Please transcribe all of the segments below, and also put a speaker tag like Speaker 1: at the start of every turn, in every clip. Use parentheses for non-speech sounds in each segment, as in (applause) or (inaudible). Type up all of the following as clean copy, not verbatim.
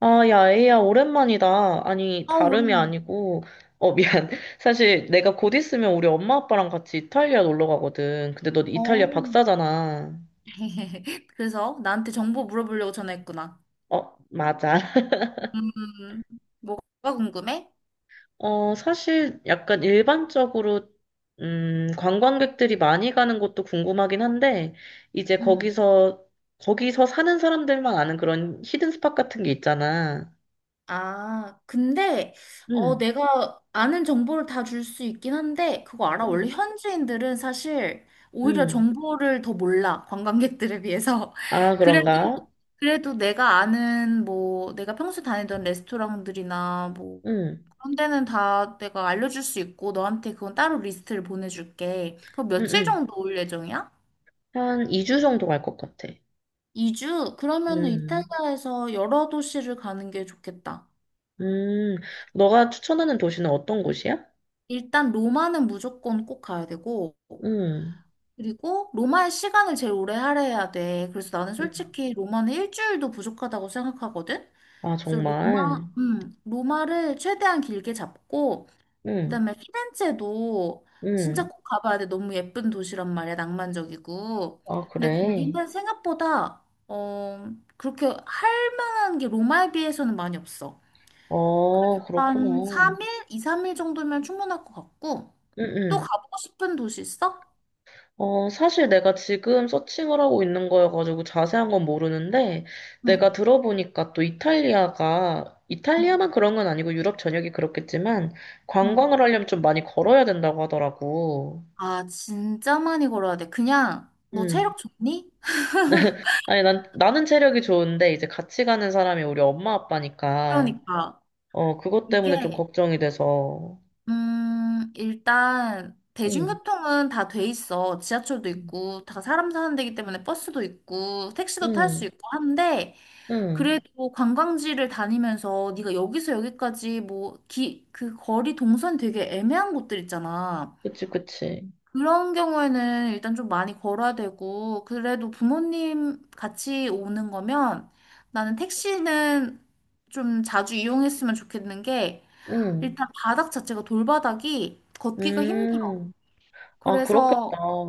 Speaker 1: 아, 야, 에이야, 오랜만이다. 아니,
Speaker 2: 아,
Speaker 1: 다름이
Speaker 2: 오랜만에.
Speaker 1: 아니고, 미안. (laughs) 사실 내가 곧 있으면 우리 엄마 아빠랑 같이 이탈리아 놀러 가거든. 근데 너 이탈리아
Speaker 2: 어.
Speaker 1: 박사잖아.
Speaker 2: (laughs) 그래서 나한테 정보 물어보려고 전화했구나.
Speaker 1: 어, 맞아. (laughs)
Speaker 2: 음, 뭐가 궁금해?
Speaker 1: 사실 약간 일반적으로, 관광객들이 많이 가는 곳도 궁금하긴 한데, 이제
Speaker 2: 음.
Speaker 1: 거기서 사는 사람들만 아는 그런 히든 스팟 같은 게 있잖아.
Speaker 2: 아, 근데
Speaker 1: 응,
Speaker 2: 내가 아는 정보를 다 줄 수 있긴 한데 그거 알아?
Speaker 1: 응,
Speaker 2: 원래 현지인들은 사실 오히려
Speaker 1: 응.
Speaker 2: 정보를 더 몰라. 관광객들에 비해서.
Speaker 1: 아,
Speaker 2: (laughs) 그래도
Speaker 1: 그런가?
Speaker 2: 그래도 내가 아는 뭐 내가 평소 다니던 레스토랑들이나 뭐
Speaker 1: 응,
Speaker 2: 그런 데는 다 내가 알려줄 수 있고 너한테 그건 따로 리스트를 보내줄게. 그럼
Speaker 1: 응,
Speaker 2: 며칠
Speaker 1: 응.
Speaker 2: 정도 올 예정이야?
Speaker 1: 한 2주 정도 갈 것 같아.
Speaker 2: 2주? 그러면은
Speaker 1: 음,
Speaker 2: 이탈리아에서 여러 도시를 가는 게 좋겠다.
Speaker 1: 음, 너가 추천하는 도시는 어떤 곳이야?
Speaker 2: 일단 로마는 무조건 꼭 가야 되고,
Speaker 1: 음,
Speaker 2: 그리고 로마의 시간을 제일 오래 할애해야 돼. 그래서 나는
Speaker 1: 음.
Speaker 2: 솔직히 로마는 일주일도 부족하다고 생각하거든?
Speaker 1: 아,
Speaker 2: 그래서 로마,
Speaker 1: 정말.
Speaker 2: 음, 로마를 최대한 길게 잡고,
Speaker 1: 음,
Speaker 2: 그다음에 피렌체도 진짜
Speaker 1: 음.
Speaker 2: 꼭 가봐야 돼. 너무 예쁜 도시란 말이야. 낭만적이고.
Speaker 1: 아,
Speaker 2: 근데
Speaker 1: 그래.
Speaker 2: 거기는 생각보다 그렇게 할 만한 게 로마에 비해서는 많이 없어. 한
Speaker 1: 그렇구나.
Speaker 2: 3일, 2, 3일 정도면 충분할 것 같고.
Speaker 1: 음,
Speaker 2: 또
Speaker 1: 음.
Speaker 2: 가보고 싶은 도시 있어?
Speaker 1: 사실 내가 지금 서칭을 하고 있는 거여가지고 자세한 건 모르는데,
Speaker 2: 응,
Speaker 1: 내가 들어보니까 또
Speaker 2: 응,
Speaker 1: 이탈리아만 그런 건 아니고 유럽 전역이 그렇겠지만,
Speaker 2: 응.
Speaker 1: 관광을 하려면 좀 많이 걸어야 된다고 하더라고.
Speaker 2: 아, 진짜 많이 걸어야 돼. 그냥 너
Speaker 1: 음.
Speaker 2: 체력 좋니?
Speaker 1: 아니, 나는 체력이 좋은데, 이제 같이 가는 사람이 우리 엄마 아빠니까,
Speaker 2: 그러니까
Speaker 1: 그것
Speaker 2: 이게
Speaker 1: 때문에 좀 걱정이 돼서.
Speaker 2: 일단
Speaker 1: 응,
Speaker 2: 대중교통은 다 돼 있어. 지하철도 있고, 다 사람 사는 데기 때문에 버스도 있고, 택시도 탈 수
Speaker 1: 응,
Speaker 2: 있고 한데,
Speaker 1: 응.
Speaker 2: 그래도 관광지를 다니면서 네가 여기서 여기까지 뭐, 그 거리 동선 되게 애매한 곳들 있잖아.
Speaker 1: 그치, 그치.
Speaker 2: 그런 경우에는 일단 좀 많이 걸어야 되고, 그래도 부모님 같이 오는 거면 나는 택시는 좀 자주 이용했으면 좋겠는 게,
Speaker 1: 응,
Speaker 2: 일단 바닥 자체가 돌바닥이 걷기가 힘들어.
Speaker 1: 음. 아, 그렇겠다.
Speaker 2: 그래서
Speaker 1: 어,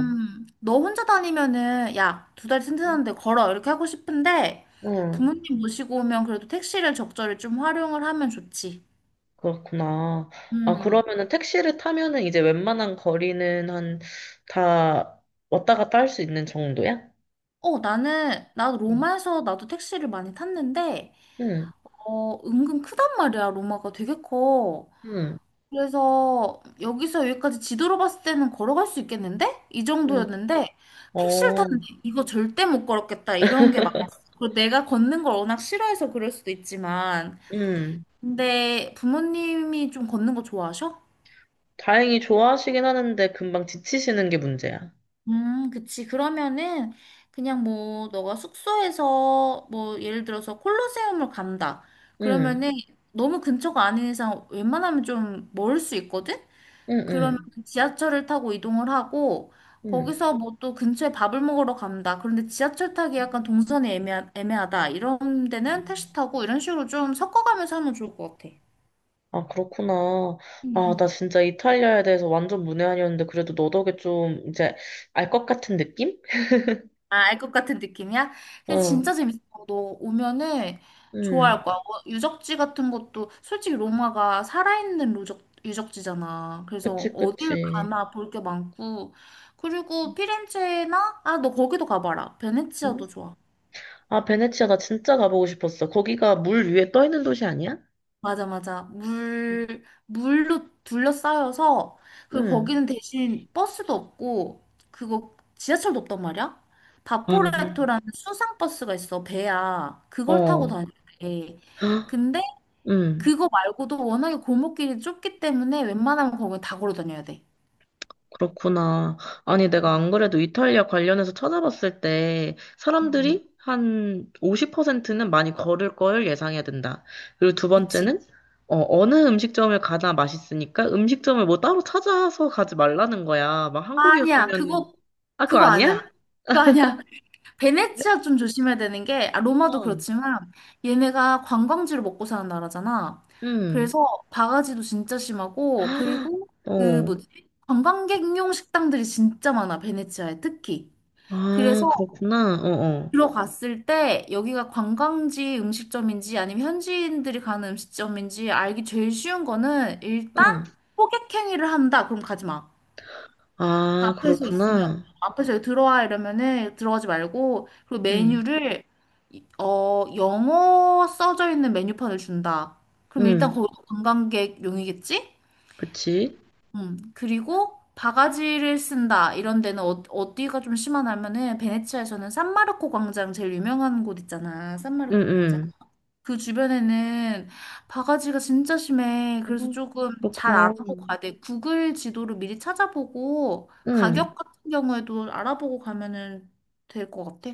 Speaker 1: 어.
Speaker 2: 너 혼자 다니면은 야, 두 다리 튼튼한데 걸어 이렇게 하고 싶은데
Speaker 1: 응,
Speaker 2: 부모님 모시고 오면 그래도 택시를 적절히 좀 활용을 하면 좋지.
Speaker 1: 그렇구나. 아,
Speaker 2: 음.
Speaker 1: 그러면은 택시를 타면은 이제 웬만한 거리는 한, 다 왔다 갔다 할 수 있는 정도야?
Speaker 2: 나는 나도
Speaker 1: 응,
Speaker 2: 로마에서 나도 택시를 많이 탔는데
Speaker 1: 응,
Speaker 2: 은근 크단 말이야. 로마가 되게 커.
Speaker 1: 응.
Speaker 2: 그래서 여기서 여기까지 지도로 봤을 때는 걸어갈 수 있겠는데? 이
Speaker 1: 응.
Speaker 2: 정도였는데 택시를
Speaker 1: 어,
Speaker 2: 탔는데 이거 절대 못 걸었겠다 이런 게 많았어. 그리고 내가 걷는 걸 워낙 싫어해서 그럴 수도 있지만
Speaker 1: 응.
Speaker 2: 근데 부모님이 좀 걷는 거 좋아하셔?
Speaker 1: 다행히 좋아하시긴 하는데 금방 지치시는 게 문제야.
Speaker 2: 그치. 그러면은 그냥 뭐 너가 숙소에서 뭐 예를 들어서 콜로세움을 간다.
Speaker 1: 응,
Speaker 2: 그러면은 너무 근처가 아닌 이상 웬만하면 좀 멀을 수 있거든?
Speaker 1: 응,
Speaker 2: 그러면
Speaker 1: 응,
Speaker 2: 지하철을 타고 이동을 하고
Speaker 1: 응.
Speaker 2: 거기서 뭐 또 근처에 밥을 먹으러 간다. 그런데 지하철 타기 약간 동선이 애매하다. 이런 데는 택시 타고 이런 식으로 좀 섞어가면서 하면 좋을 것 같아.
Speaker 1: 아, 그렇구나.
Speaker 2: 음,
Speaker 1: 아, 나
Speaker 2: 음.
Speaker 1: 진짜 이탈리아에 대해서 완전 문외한이었는데 그래도 너 덕에 좀 이제 알 것 같은 느낌?
Speaker 2: 아, 알 것 같은 느낌이야? 근데
Speaker 1: 어,
Speaker 2: 진짜 재밌어. 너 오면은
Speaker 1: 응.
Speaker 2: 좋아할 거야. 뭐 유적지 같은 것도 솔직히 로마가 살아있는 유적지잖아. 그래서
Speaker 1: 그치,
Speaker 2: 어딜
Speaker 1: 그치.
Speaker 2: 가나 볼 게 많고. 그리고 피렌체나, 아, 너 거기도 가봐라.
Speaker 1: 응?
Speaker 2: 베네치아도 좋아.
Speaker 1: 아, 베네치아 나 진짜 가보고 싶었어. 거기가 물 위에 떠 있는 도시 아니야?
Speaker 2: 맞아, 맞아. 물로 둘러싸여서, 그리고
Speaker 1: 응.
Speaker 2: 거기는 대신 버스도 없고, 그거 지하철도 없단 말이야?
Speaker 1: 아, 맞아.
Speaker 2: 바포레토라는 수상버스가 있어, 배야. 그걸 타고
Speaker 1: 어.
Speaker 2: 다니는데.
Speaker 1: 헉,
Speaker 2: 근데
Speaker 1: 응.
Speaker 2: 그거 말고도 워낙에 골목길이 좁기 때문에 웬만하면 거기 다 걸어 다녀야 돼.
Speaker 1: 그렇구나. 아니,
Speaker 2: 음.
Speaker 1: 내가 안 그래도 이탈리아 관련해서 찾아봤을 때
Speaker 2: 음,
Speaker 1: 사람들이 한 50%는 많이 걸을 걸 예상해야 된다. 그리고 두
Speaker 2: 그치.
Speaker 1: 번째는 어느 음식점을 가나 맛있으니까 음식점을 뭐 따로 찾아서 가지 말라는 거야. 막
Speaker 2: 아니야,
Speaker 1: 한국이었으면은.
Speaker 2: 그거,
Speaker 1: 아, 그거
Speaker 2: 그거 아니야.
Speaker 1: 아니야?
Speaker 2: 그거 아니야.
Speaker 1: 그래?
Speaker 2: 베네치아 좀 조심해야 되는 게, 아, 로마도
Speaker 1: 어.
Speaker 2: 그렇지만, 얘네가 관광지로 먹고 사는 나라잖아.
Speaker 1: 음.
Speaker 2: 그래서 바가지도 진짜 심하고, 그리고 그
Speaker 1: 어.
Speaker 2: 뭐지? 관광객용 식당들이 진짜 많아, 베네치아에 특히.
Speaker 1: 아,
Speaker 2: 그래서
Speaker 1: 그렇구나. 어, 어.
Speaker 2: 들어갔을 때 여기가 관광지 음식점인지 아니면 현지인들이 가는 음식점인지 알기 제일 쉬운 거는 일단
Speaker 1: 응.
Speaker 2: 호객행위를 한다. 그럼 가지 마.
Speaker 1: 아,
Speaker 2: 앞에서 있으면
Speaker 1: 그렇구나.
Speaker 2: 앞에서 들어와 이러면은 들어가지 말고 그리고
Speaker 1: 응.
Speaker 2: 메뉴를 영어 써져 있는 메뉴판을 준다. 그럼 일단
Speaker 1: 응.
Speaker 2: 거기 관광객용이겠지?
Speaker 1: 그치?
Speaker 2: 그리고 바가지를 쓴다 이런 데는 어디가 좀 심하냐면은 베네치아에서는 산마르코 광장 제일 유명한 곳 있잖아.
Speaker 1: 응,
Speaker 2: 산마르코 광장.
Speaker 1: 응.
Speaker 2: 그 주변에는 바가지가 진짜 심해. 그래서
Speaker 1: 음,
Speaker 2: 조금 잘
Speaker 1: 그렇구나.
Speaker 2: 알아보고 가야 돼. 구글 지도를 미리 찾아보고
Speaker 1: 응,
Speaker 2: 가격 같은 경우에도 알아보고 가면은 될 것 같아.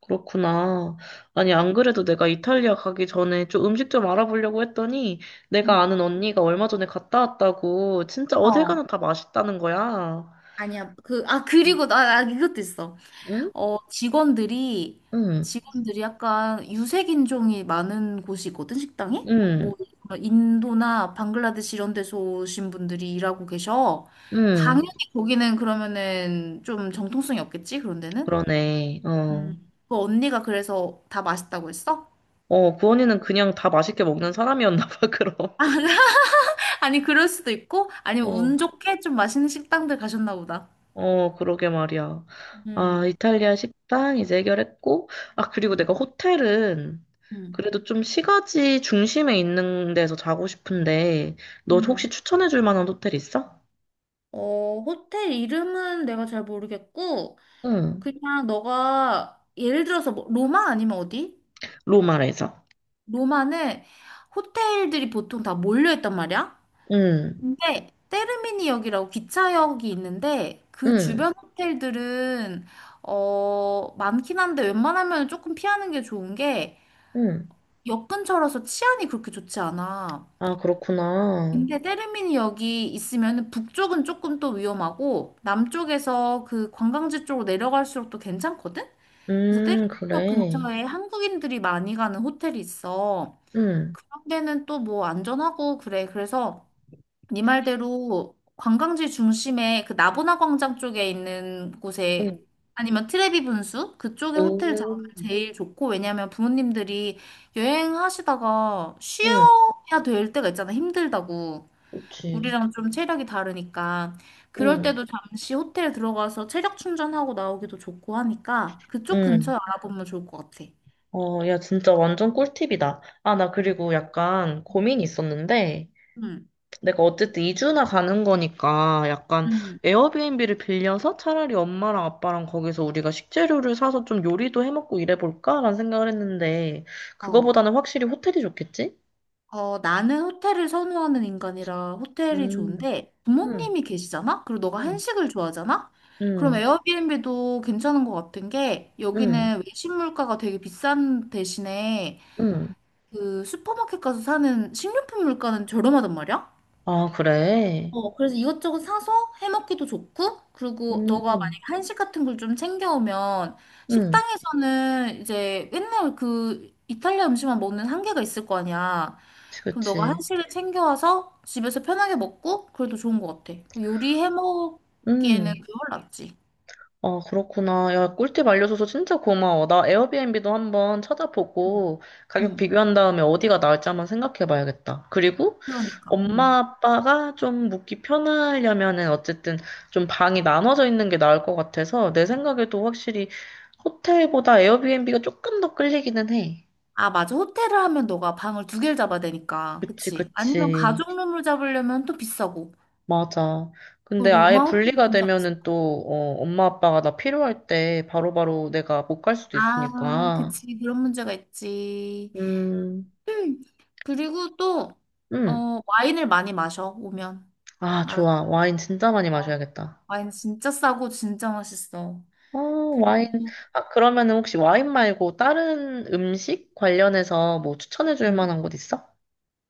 Speaker 1: 그렇구나. 아니, 안 그래도 내가 이탈리아 가기 전에 좀 음식 좀 알아보려고 했더니 내가
Speaker 2: 응.
Speaker 1: 아는 언니가 얼마 전에 갔다 왔다고 진짜 어딜
Speaker 2: 어.
Speaker 1: 가나 다 맛있다는 거야.
Speaker 2: 아니야. 그리고 나 이것도 있어.
Speaker 1: 응?
Speaker 2: 어, 직원들이,
Speaker 1: 응,
Speaker 2: 직원들이 약간 유색인종이 많은 곳이거든, 식당이?
Speaker 1: 응,
Speaker 2: 뭐, 인도나 방글라데시 이런 데서 오신 분들이 일하고 계셔.
Speaker 1: 응.
Speaker 2: 당연히 거기는 그러면은 좀 정통성이 없겠지, 그런 데는?
Speaker 1: 그러네.
Speaker 2: 음.
Speaker 1: 어.
Speaker 2: 그 언니가 그래서 다 맛있다고 했어?
Speaker 1: 구원이는 그냥 다 맛있게 먹는 사람이었나 봐, (laughs) 그럼.
Speaker 2: (laughs) 아니, 그럴 수도 있고, 아니면
Speaker 1: 어.
Speaker 2: 운 좋게 좀 맛있는 식당들 가셨나 보다.
Speaker 1: 그러게 말이야. 아,
Speaker 2: 음.
Speaker 1: 이탈리아 식당 이제 해결했고, 아, 그리고
Speaker 2: 음.
Speaker 1: 내가 호텔은
Speaker 2: 음.
Speaker 1: 그래도 좀 시가지 중심에 있는 데서 자고 싶은데, 너 혹시
Speaker 2: 음.
Speaker 1: 추천해 줄 만한 호텔 있어?
Speaker 2: 호텔 이름은 내가 잘 모르겠고,
Speaker 1: 응,
Speaker 2: 그냥 너가 예를 들어서 뭐 로마 아니면 어디?
Speaker 1: 로마에서.
Speaker 2: 로마는 호텔들이 보통 다 몰려 있단 말이야.
Speaker 1: 응,
Speaker 2: 근데 테르미니역이라고 기차역이 있는데 그
Speaker 1: 응,
Speaker 2: 주변 호텔들은 많긴 한데 웬만하면 조금 피하는 게 좋은 게
Speaker 1: 응.
Speaker 2: 역 근처라서 치안이 그렇게 좋지 않아.
Speaker 1: 아, 그렇구나.
Speaker 2: 근데 테르미니역이 있으면 북쪽은 조금 또 위험하고 남쪽에서 그 관광지 쪽으로 내려갈수록 또 괜찮거든? 그래서 떼국역
Speaker 1: 그래.
Speaker 2: 근처에 한국인들이 많이 가는 호텔이 있어.
Speaker 1: 응,
Speaker 2: 그런 데는 또 뭐 안전하고 그래. 그래서 네 말대로 관광지 중심에 그 나보나 광장 쪽에 있는
Speaker 1: 응,
Speaker 2: 곳에 아니면 트레비 분수 그쪽에 호텔 잡으면
Speaker 1: 응,
Speaker 2: 제일 좋고 왜냐면 부모님들이 여행하시다가
Speaker 1: 응,
Speaker 2: 쉬어야 될 때가 있잖아 힘들다고
Speaker 1: 그치.
Speaker 2: 우리랑 좀 체력이 다르니까 그럴
Speaker 1: 응,
Speaker 2: 때도 잠시 호텔에 들어가서 체력 충전하고 나오기도 좋고 하니까 그쪽
Speaker 1: 응.
Speaker 2: 근처에 알아보면 좋을 것 같아.
Speaker 1: 야, 진짜 완전 꿀팁이다. 아, 나
Speaker 2: 응,
Speaker 1: 그리고 약간
Speaker 2: 응,
Speaker 1: 고민이 있었는데,
Speaker 2: 응.
Speaker 1: 내가 어쨌든 2주나 가는 거니까 약간
Speaker 2: 응.
Speaker 1: 에어비앤비를 빌려서 차라리 엄마랑 아빠랑 거기서 우리가 식재료를 사서 좀 요리도 해먹고 이래볼까라는 생각을 했는데
Speaker 2: 응. 어,
Speaker 1: 그거보다는 확실히 호텔이 좋겠지?
Speaker 2: 어, 나는 호텔을 선호하는 인간이라 호텔이
Speaker 1: 음,
Speaker 2: 좋은데
Speaker 1: 음,
Speaker 2: 부모님이 계시잖아? 그리고 너가
Speaker 1: 음,
Speaker 2: 한식을 좋아하잖아? 그럼
Speaker 1: 음,
Speaker 2: 에어비앤비도 괜찮은 것 같은 게
Speaker 1: 음,
Speaker 2: 여기는 외식 물가가 되게 비싼 대신에
Speaker 1: 음.
Speaker 2: 그 슈퍼마켓 가서 사는 식료품 물가는 저렴하단 말이야?
Speaker 1: 아, 그래?
Speaker 2: 어, 그래서 이것저것 사서 해먹기도 좋고, 그리고 너가 만약에
Speaker 1: 음,
Speaker 2: 한식 같은 걸 좀 챙겨오면,
Speaker 1: 음,
Speaker 2: 식당에서는 이제 맨날 그 이탈리아 음식만 먹는 한계가 있을 거 아니야.
Speaker 1: 그치,
Speaker 2: 그럼 너가
Speaker 1: 그치.
Speaker 2: 한식을 챙겨와서 집에서 편하게 먹고, 그래도 좋은 것 같아. 뭐 요리
Speaker 1: 음,
Speaker 2: 해먹기에는 그게 훨 낫지.
Speaker 1: 아, 그렇구나. 야, 꿀팁 알려줘서 진짜 고마워. 나 에어비앤비도 한번 찾아보고 가격
Speaker 2: 응,
Speaker 1: 비교한 다음에 어디가 나을지 한번 생각해 봐야겠다. 그리고
Speaker 2: 그러니까. 응.
Speaker 1: 엄마 아빠가 좀 묵기 편하려면은 어쨌든 좀 방이 나눠져 있는 게 나을 것 같아서 내 생각에도 확실히 호텔보다 에어비앤비가 조금 더 끌리기는 해.
Speaker 2: 아, 맞아. 호텔을 하면 너가 방을 두 개를 잡아야 되니까.
Speaker 1: 그치,
Speaker 2: 그치? 아니면
Speaker 1: 그치.
Speaker 2: 가족룸으로 잡으려면 또 비싸고.
Speaker 1: 맞아.
Speaker 2: 그
Speaker 1: 근데 아예
Speaker 2: 로마 호텔이
Speaker 1: 분리가
Speaker 2: 진짜
Speaker 1: 되면은 또, 엄마 아빠가 나 필요할 때 바로바로 내가 못 갈 수도
Speaker 2: 아,
Speaker 1: 있으니까.
Speaker 2: 그치. 그런 문제가 있지.
Speaker 1: 음.
Speaker 2: 음, 그리고 또,
Speaker 1: 응.
Speaker 2: 와인을 많이 마셔, 오면.
Speaker 1: 아,
Speaker 2: 알았어.
Speaker 1: 좋아. 와인 진짜 많이 마셔야겠다.
Speaker 2: 와인 진짜 싸고 진짜 맛있어.
Speaker 1: 어, 와인.
Speaker 2: 그리고,
Speaker 1: 아, 그러면은 혹시 와인 말고 다른 음식 관련해서 뭐 추천해 줄
Speaker 2: 음,
Speaker 1: 만한 곳 있어?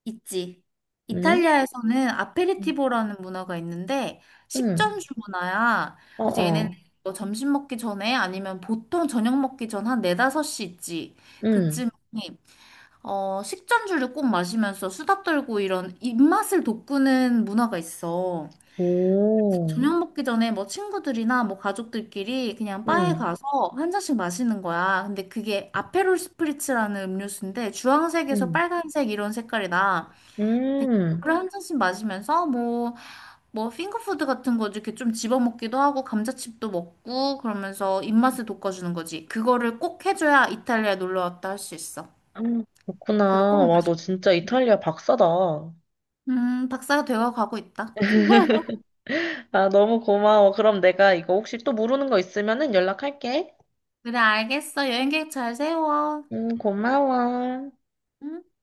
Speaker 2: 있지.
Speaker 1: 응?
Speaker 2: 이탈리아에서는 아페리티보라는 문화가 있는데,
Speaker 1: 응.
Speaker 2: 식전주 문화야.
Speaker 1: 어,
Speaker 2: 그래서 얘네는
Speaker 1: 어.
Speaker 2: 뭐 점심 먹기 전에 아니면 보통 저녁 먹기 전 한 네다섯 시 있지.
Speaker 1: 응.
Speaker 2: 그쯤에 식전주를 꼭 마시면서 수다 떨고 이런 입맛을 돋구는 문화가 있어.
Speaker 1: 오.
Speaker 2: 저녁 먹기 전에 뭐 친구들이나 뭐 가족들끼리 그냥 바에
Speaker 1: 응.
Speaker 2: 가서 한 잔씩 마시는 거야. 근데 그게 아페롤 스프리츠라는 음료수인데 주황색에서
Speaker 1: 응.
Speaker 2: 빨간색 이런 색깔이 나. 근데
Speaker 1: 음.
Speaker 2: 그걸 한 잔씩 마시면서 뭐, 뭐 핑거푸드 같은 거 이렇게 좀 집어먹기도 하고 감자칩도 먹고 그러면서 입맛을 돋궈주는 거지. 그거를 꼭 해줘야 이탈리아 놀러 왔다 할 수 있어.
Speaker 1: 음. 그렇구나.
Speaker 2: 그거 꼭
Speaker 1: 와, 너 진짜 이탈리아 박사다. (laughs)
Speaker 2: 박사가 되어 가고 있다. (laughs)
Speaker 1: 아, 너무 고마워. 그럼 내가 이거 혹시 또 모르는 거 있으면은 연락할게.
Speaker 2: 그래, 알겠어. 여행 계획 잘 세워.
Speaker 1: 응, 고마워.
Speaker 2: 음.